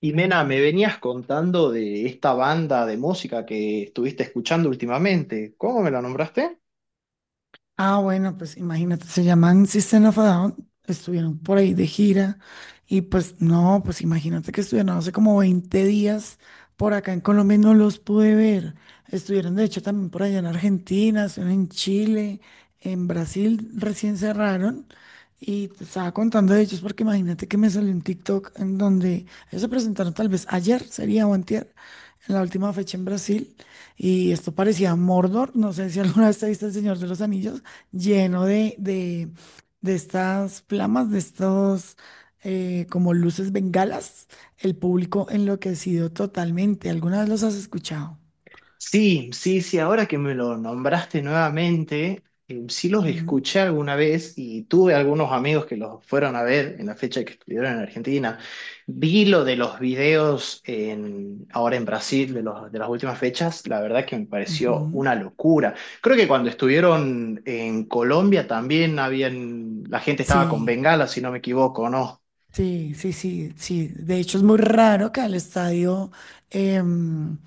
Y Mena, me venías contando de esta banda de música que estuviste escuchando últimamente. ¿Cómo me la nombraste? Ah, bueno, pues imagínate, se llaman System of a Down, estuvieron por ahí de gira y pues no, pues imagínate que estuvieron hace como 20 días por acá en Colombia y no los pude ver. Estuvieron de hecho también por allá en Argentina, estuvieron en Chile, en Brasil recién cerraron y te estaba contando de ellos porque imagínate que me salió un TikTok en donde ellos se presentaron tal vez ayer, sería o antier, en la última fecha en Brasil. Y esto parecía Mordor, no sé si alguna vez te viste El Señor de los Anillos, lleno de estas flamas, de estos como luces bengalas, el público enloquecido totalmente. ¿Alguna vez los has escuchado? Sí, sí, sí, ahora que me lo nombraste nuevamente, sí los Ujú, escuché alguna vez y tuve algunos amigos que los fueron a ver en la fecha que estuvieron en Argentina. Vi lo de los videos en, ahora en Brasil de los, de las últimas fechas, la verdad que me pareció ujú. una locura. Creo que cuando estuvieron en Colombia también habían, la gente estaba con Sí. bengala, si no me equivoco, ¿no? Sí, sí, sí, sí. De hecho, es muy raro que al estadio em,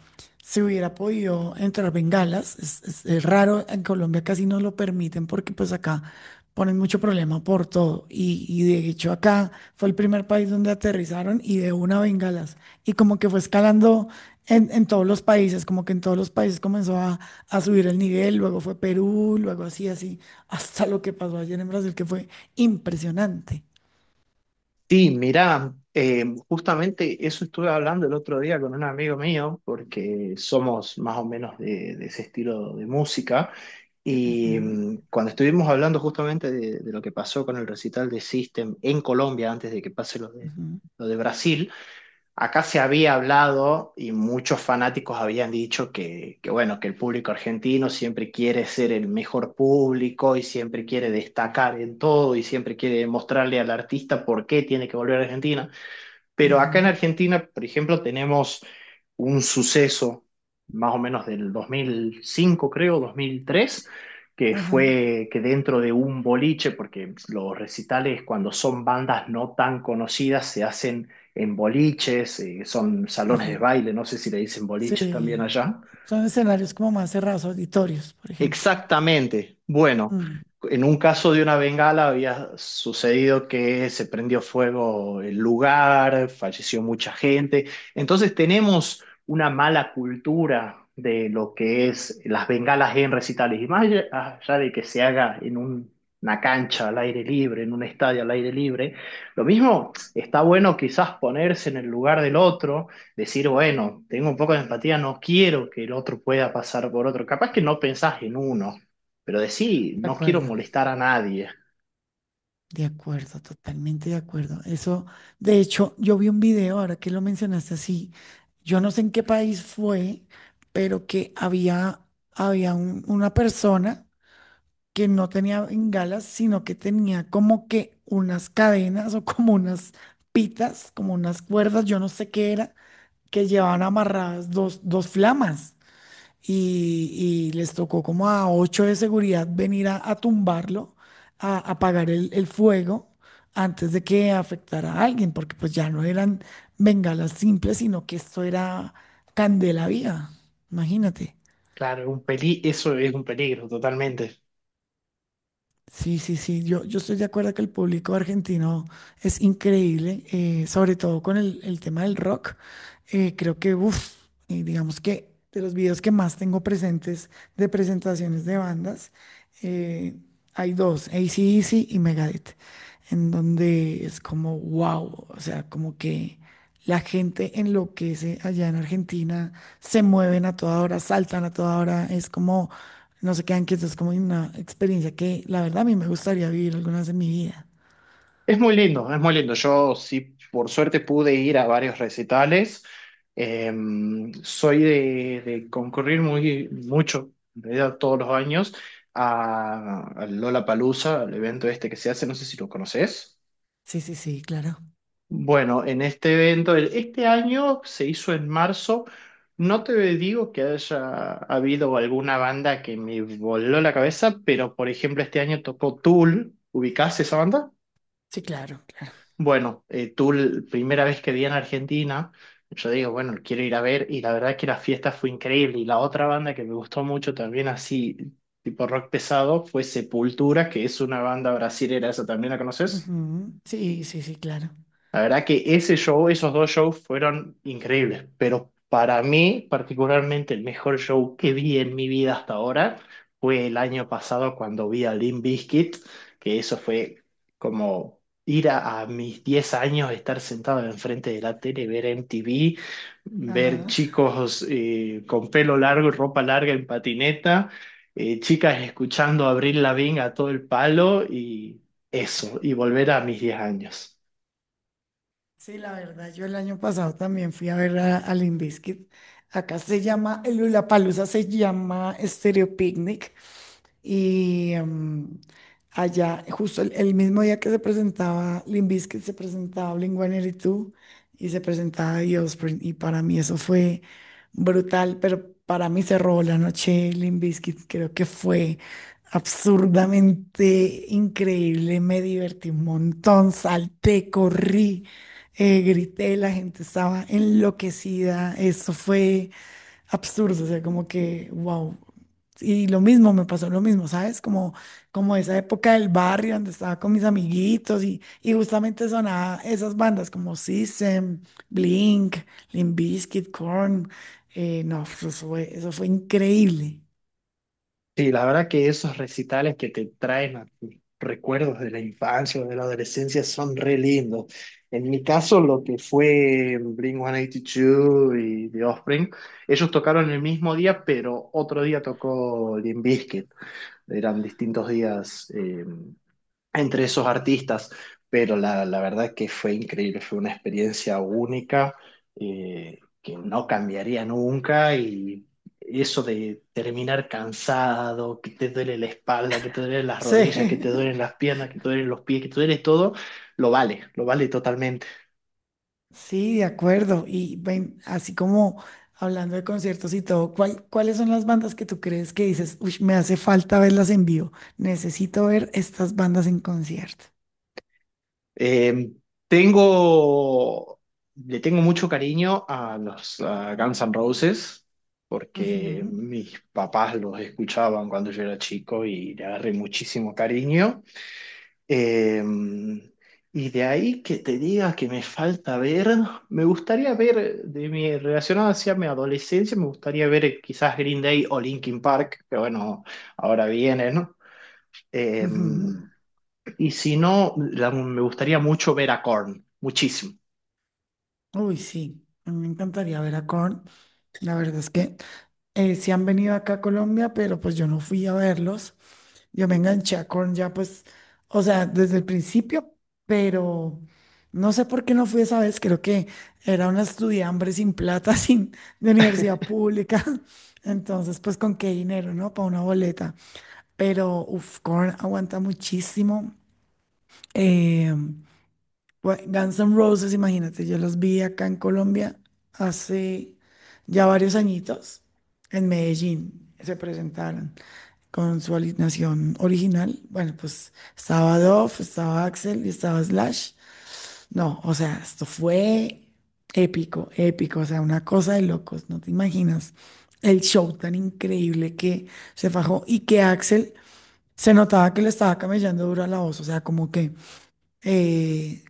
se hubiera podido entrar bengalas. Es raro, en Colombia casi no lo permiten porque pues acá ponen mucho problema por todo. Y de hecho acá fue el primer país donde aterrizaron y de una bengalas. Y como que fue escalando en todos los países, como que en todos los países comenzó a subir el nivel, luego fue Perú, luego así, así, hasta lo que pasó ayer en Brasil, que fue impresionante. Sí, mirá, justamente eso estuve hablando el otro día con un amigo mío, porque somos más o menos de, ese estilo de música, y Ujú. Cuando estuvimos hablando justamente de, lo que pasó con el recital de System en Colombia antes de que pase Ujú, lo de Brasil. Acá se había hablado y muchos fanáticos habían dicho que, bueno, que el público argentino siempre quiere ser el mejor público y siempre quiere destacar en todo y siempre quiere mostrarle al artista por qué tiene que volver a Argentina. Pero acá en ujú. Argentina, por ejemplo, tenemos un suceso más o menos del 2005, creo, 2003, que Ajá, fue que dentro de un boliche, porque los recitales cuando son bandas no tan conocidas se hacen en boliches, son salones de ajá. baile, no sé si le dicen boliches Sí, también allá. son escenarios como más cerrados, auditorios, por ejemplo. Exactamente. Bueno, Mm, en un caso de una bengala había sucedido que se prendió fuego el lugar, falleció mucha gente. Entonces tenemos una mala cultura de lo que es las bengalas en recitales. Y más allá de que se haga en una cancha al aire libre, en un estadio al aire libre, lo mismo está bueno quizás ponerse en el lugar del otro decir, bueno, tengo un poco de empatía, no quiero que el otro pueda pasar por otro. Capaz que no pensás en uno, pero decir, de no quiero acuerdo, molestar a nadie. de acuerdo, totalmente de acuerdo. Eso, de hecho, yo vi un video, ahora que lo mencionaste así, yo no sé en qué país fue, pero que había una persona que no tenía bengalas, sino que tenía como que unas cadenas o como unas pitas, como unas cuerdas, yo no sé qué era que llevaban amarradas dos flamas y les tocó como a ocho de seguridad venir a tumbarlo, a apagar el fuego antes de que afectara a alguien, porque pues ya no eran bengalas simples, sino que esto era candela viva, imagínate. Claro, un peli, eso es un peligro totalmente. Sí, sí, sí, yo estoy de acuerdo que el público argentino es increíble, sobre todo con el tema del rock. Creo que, uff, digamos que de los videos que más tengo presentes de presentaciones de bandas, eh, hay dos, AC/DC y Megadeth, en donde es como, wow, o sea, como que... La gente enloquece allá en Argentina, se mueven a toda hora, saltan a toda hora, es como, no se quedan quietos, es como una experiencia que la verdad a mí me gustaría vivir alguna vez en mi vida. Es muy lindo, es muy lindo. Yo sí, por suerte pude ir a varios recitales. Eh, soy de concurrir muy mucho, en realidad todos los años, a, Lola Lollapalooza, al evento este que se hace, no sé si lo conoces. Sí, sí, sí, claro. Bueno, en este evento, este año se hizo en marzo. No te digo que haya habido alguna banda que me voló la cabeza, pero por ejemplo este año tocó Tool. ¿Ubicás esa banda? Sí, claro, claro. Bueno, Tool, primera vez que vi en Argentina, yo digo, bueno, quiero ir a ver y la verdad que la fiesta fue increíble. Y la otra banda que me gustó mucho también así, tipo rock pesado, fue Sepultura, que es una banda brasilera, ¿esa también la conoces? Ujú. Sí, sí, sí, claro. La verdad que ese show, esos dos shows fueron increíbles, pero para mí particularmente el mejor show que vi en mi vida hasta ahora fue el año pasado cuando vi a Limp Bizkit, que eso fue como ir a mis 10 años, estar sentado enfrente de la tele, ver MTV, ver Ajá. chicos con pelo largo y ropa larga en patineta, chicas escuchando a Avril Lavigne a todo el palo y eso, y volver a mis 10 años. Sí, la verdad, yo el año pasado también fui a ver a Limp Bizkit. Acá se llama, el Lollapalooza se llama Stereo Picnic. Y allá, justo el mismo día que se presentaba Limp Bizkit, se presentaba Blink-182 y se presentaba The Offspring. Y para mí eso fue brutal, pero para mí cerró la noche Limp Bizkit. Creo que fue absurdamente increíble. Me divertí un montón, salté, corrí, grité, la gente estaba enloquecida. Eso fue absurdo, o sea, como que, wow. Y lo mismo, me pasó lo mismo, ¿sabes? Como esa época del barrio donde estaba con mis amiguitos y justamente sonaba esas bandas como System, Blink, Limp Bizkit, Korn. No, eso fue increíble. Sí, la verdad que esos recitales que te traen a tus recuerdos de la infancia o de la adolescencia son re lindos. En mi caso, lo que fue Blink-182 y The Offspring, ellos tocaron el mismo día, pero otro día tocó Limp Bizkit. Eran distintos días. Entre esos artistas, pero la verdad que fue increíble, fue una experiencia única que no cambiaría nunca y eso de terminar cansado, que te duele la espalda, que te duelen las Sí. rodillas, que te duelen las piernas, que te duelen los pies, que te duele todo, lo vale totalmente. Sí, de acuerdo. Y ven, así como hablando de conciertos y todo, ¿cuáles son las bandas que tú crees que dices, uy, me hace falta verlas en vivo? Necesito ver estas bandas en concierto. Eh, tengo, le tengo mucho cariño a los a Guns N' Roses porque Ujú, mis papás los escuchaban cuando yo era chico y le agarré muchísimo cariño. Eh, y de ahí que te diga que me falta ver, me gustaría ver, relacionado hacia mi adolescencia, me gustaría ver quizás Green Day o Linkin Park, que bueno, ahora viene, ¿no? Eh, ujú. y si no, me gustaría mucho ver a Korn, muchísimo. Uy, sí, a mí me encantaría ver a Korn. La verdad es que sí han venido acá a Colombia, pero pues yo no fui a verlos. Yo me enganché a Korn ya pues, o sea, desde el principio, pero no sé por qué no fui esa vez. Creo que era una estudiambre sin plata, sin de universidad pública. Entonces, pues con qué dinero, ¿no? Para una boleta. Pero, uf, Korn aguanta muchísimo. Eh, Bueno, Guns N' Roses, imagínate, yo los vi acá en Colombia hace ya varios añitos, en Medellín, se presentaron con su alineación original. Bueno, pues estaba Dove, estaba Axel y estaba Slash. No, o sea, esto fue épico, épico, o sea, una cosa de locos, no te imaginas el show tan increíble que se fajó y que Axel se notaba que le estaba camellando duro a la voz, o sea, como que eh,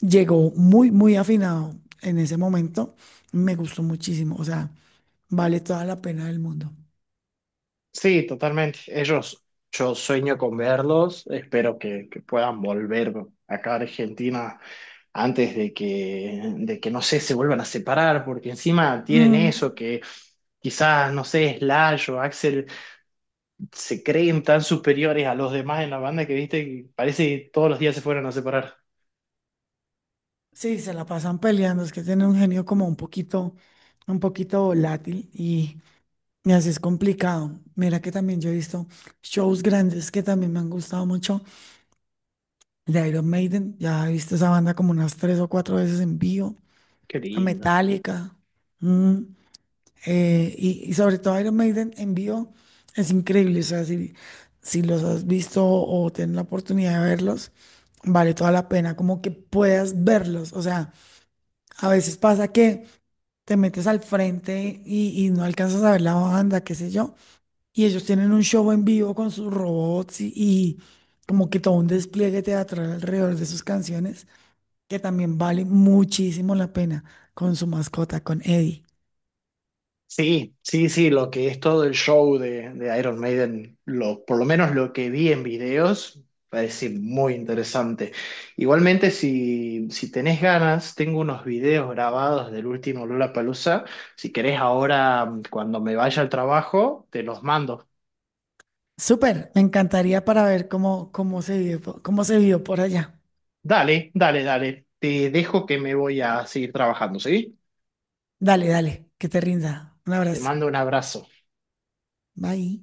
llegó muy, muy afinado en ese momento. Me gustó muchísimo, o sea, vale toda la pena del mundo. Sí, totalmente. Ellos, yo sueño con verlos. Espero que puedan volver acá a Argentina antes de que, no sé, se vuelvan a separar, porque encima tienen Mm, eso que quizás, no sé, Slash o Axel se creen tan superiores a los demás en la banda que, viste, que parece que todos los días se fueran a separar. sí, se la pasan peleando, es que tiene un genio como un poquito volátil y así es complicado. Mira que también yo he visto shows grandes que también me han gustado mucho, de Iron Maiden, ya he visto esa banda como unas tres o cuatro veces en vivo, Qué a lindo. Metallica. mm, y sobre todo Iron Maiden en vivo es increíble. O sea, si los has visto o tienes la oportunidad de verlos, vale toda la pena como que puedas verlos. O sea, a veces pasa que te metes al frente y no alcanzas a ver la banda, qué sé yo. Y ellos tienen un show en vivo con sus robots y como que todo un despliegue teatral alrededor de sus canciones, que también vale muchísimo la pena con su mascota, con Eddie. Sí, sí, sí, lo que es todo el show de Iron Maiden, lo, por lo menos lo que vi en videos, parece muy interesante. Igualmente, si, si tenés ganas, tengo unos videos grabados del último Lollapalooza. Si querés ahora, cuando me vaya al trabajo, te los mando. Súper, me encantaría para ver cómo se vive, cómo se vivió por allá. Dale, dale, dale. Te dejo que me voy a seguir trabajando, ¿sí? Dale, dale, que te rinda. Un Te abrazo. mando un abrazo. Bye.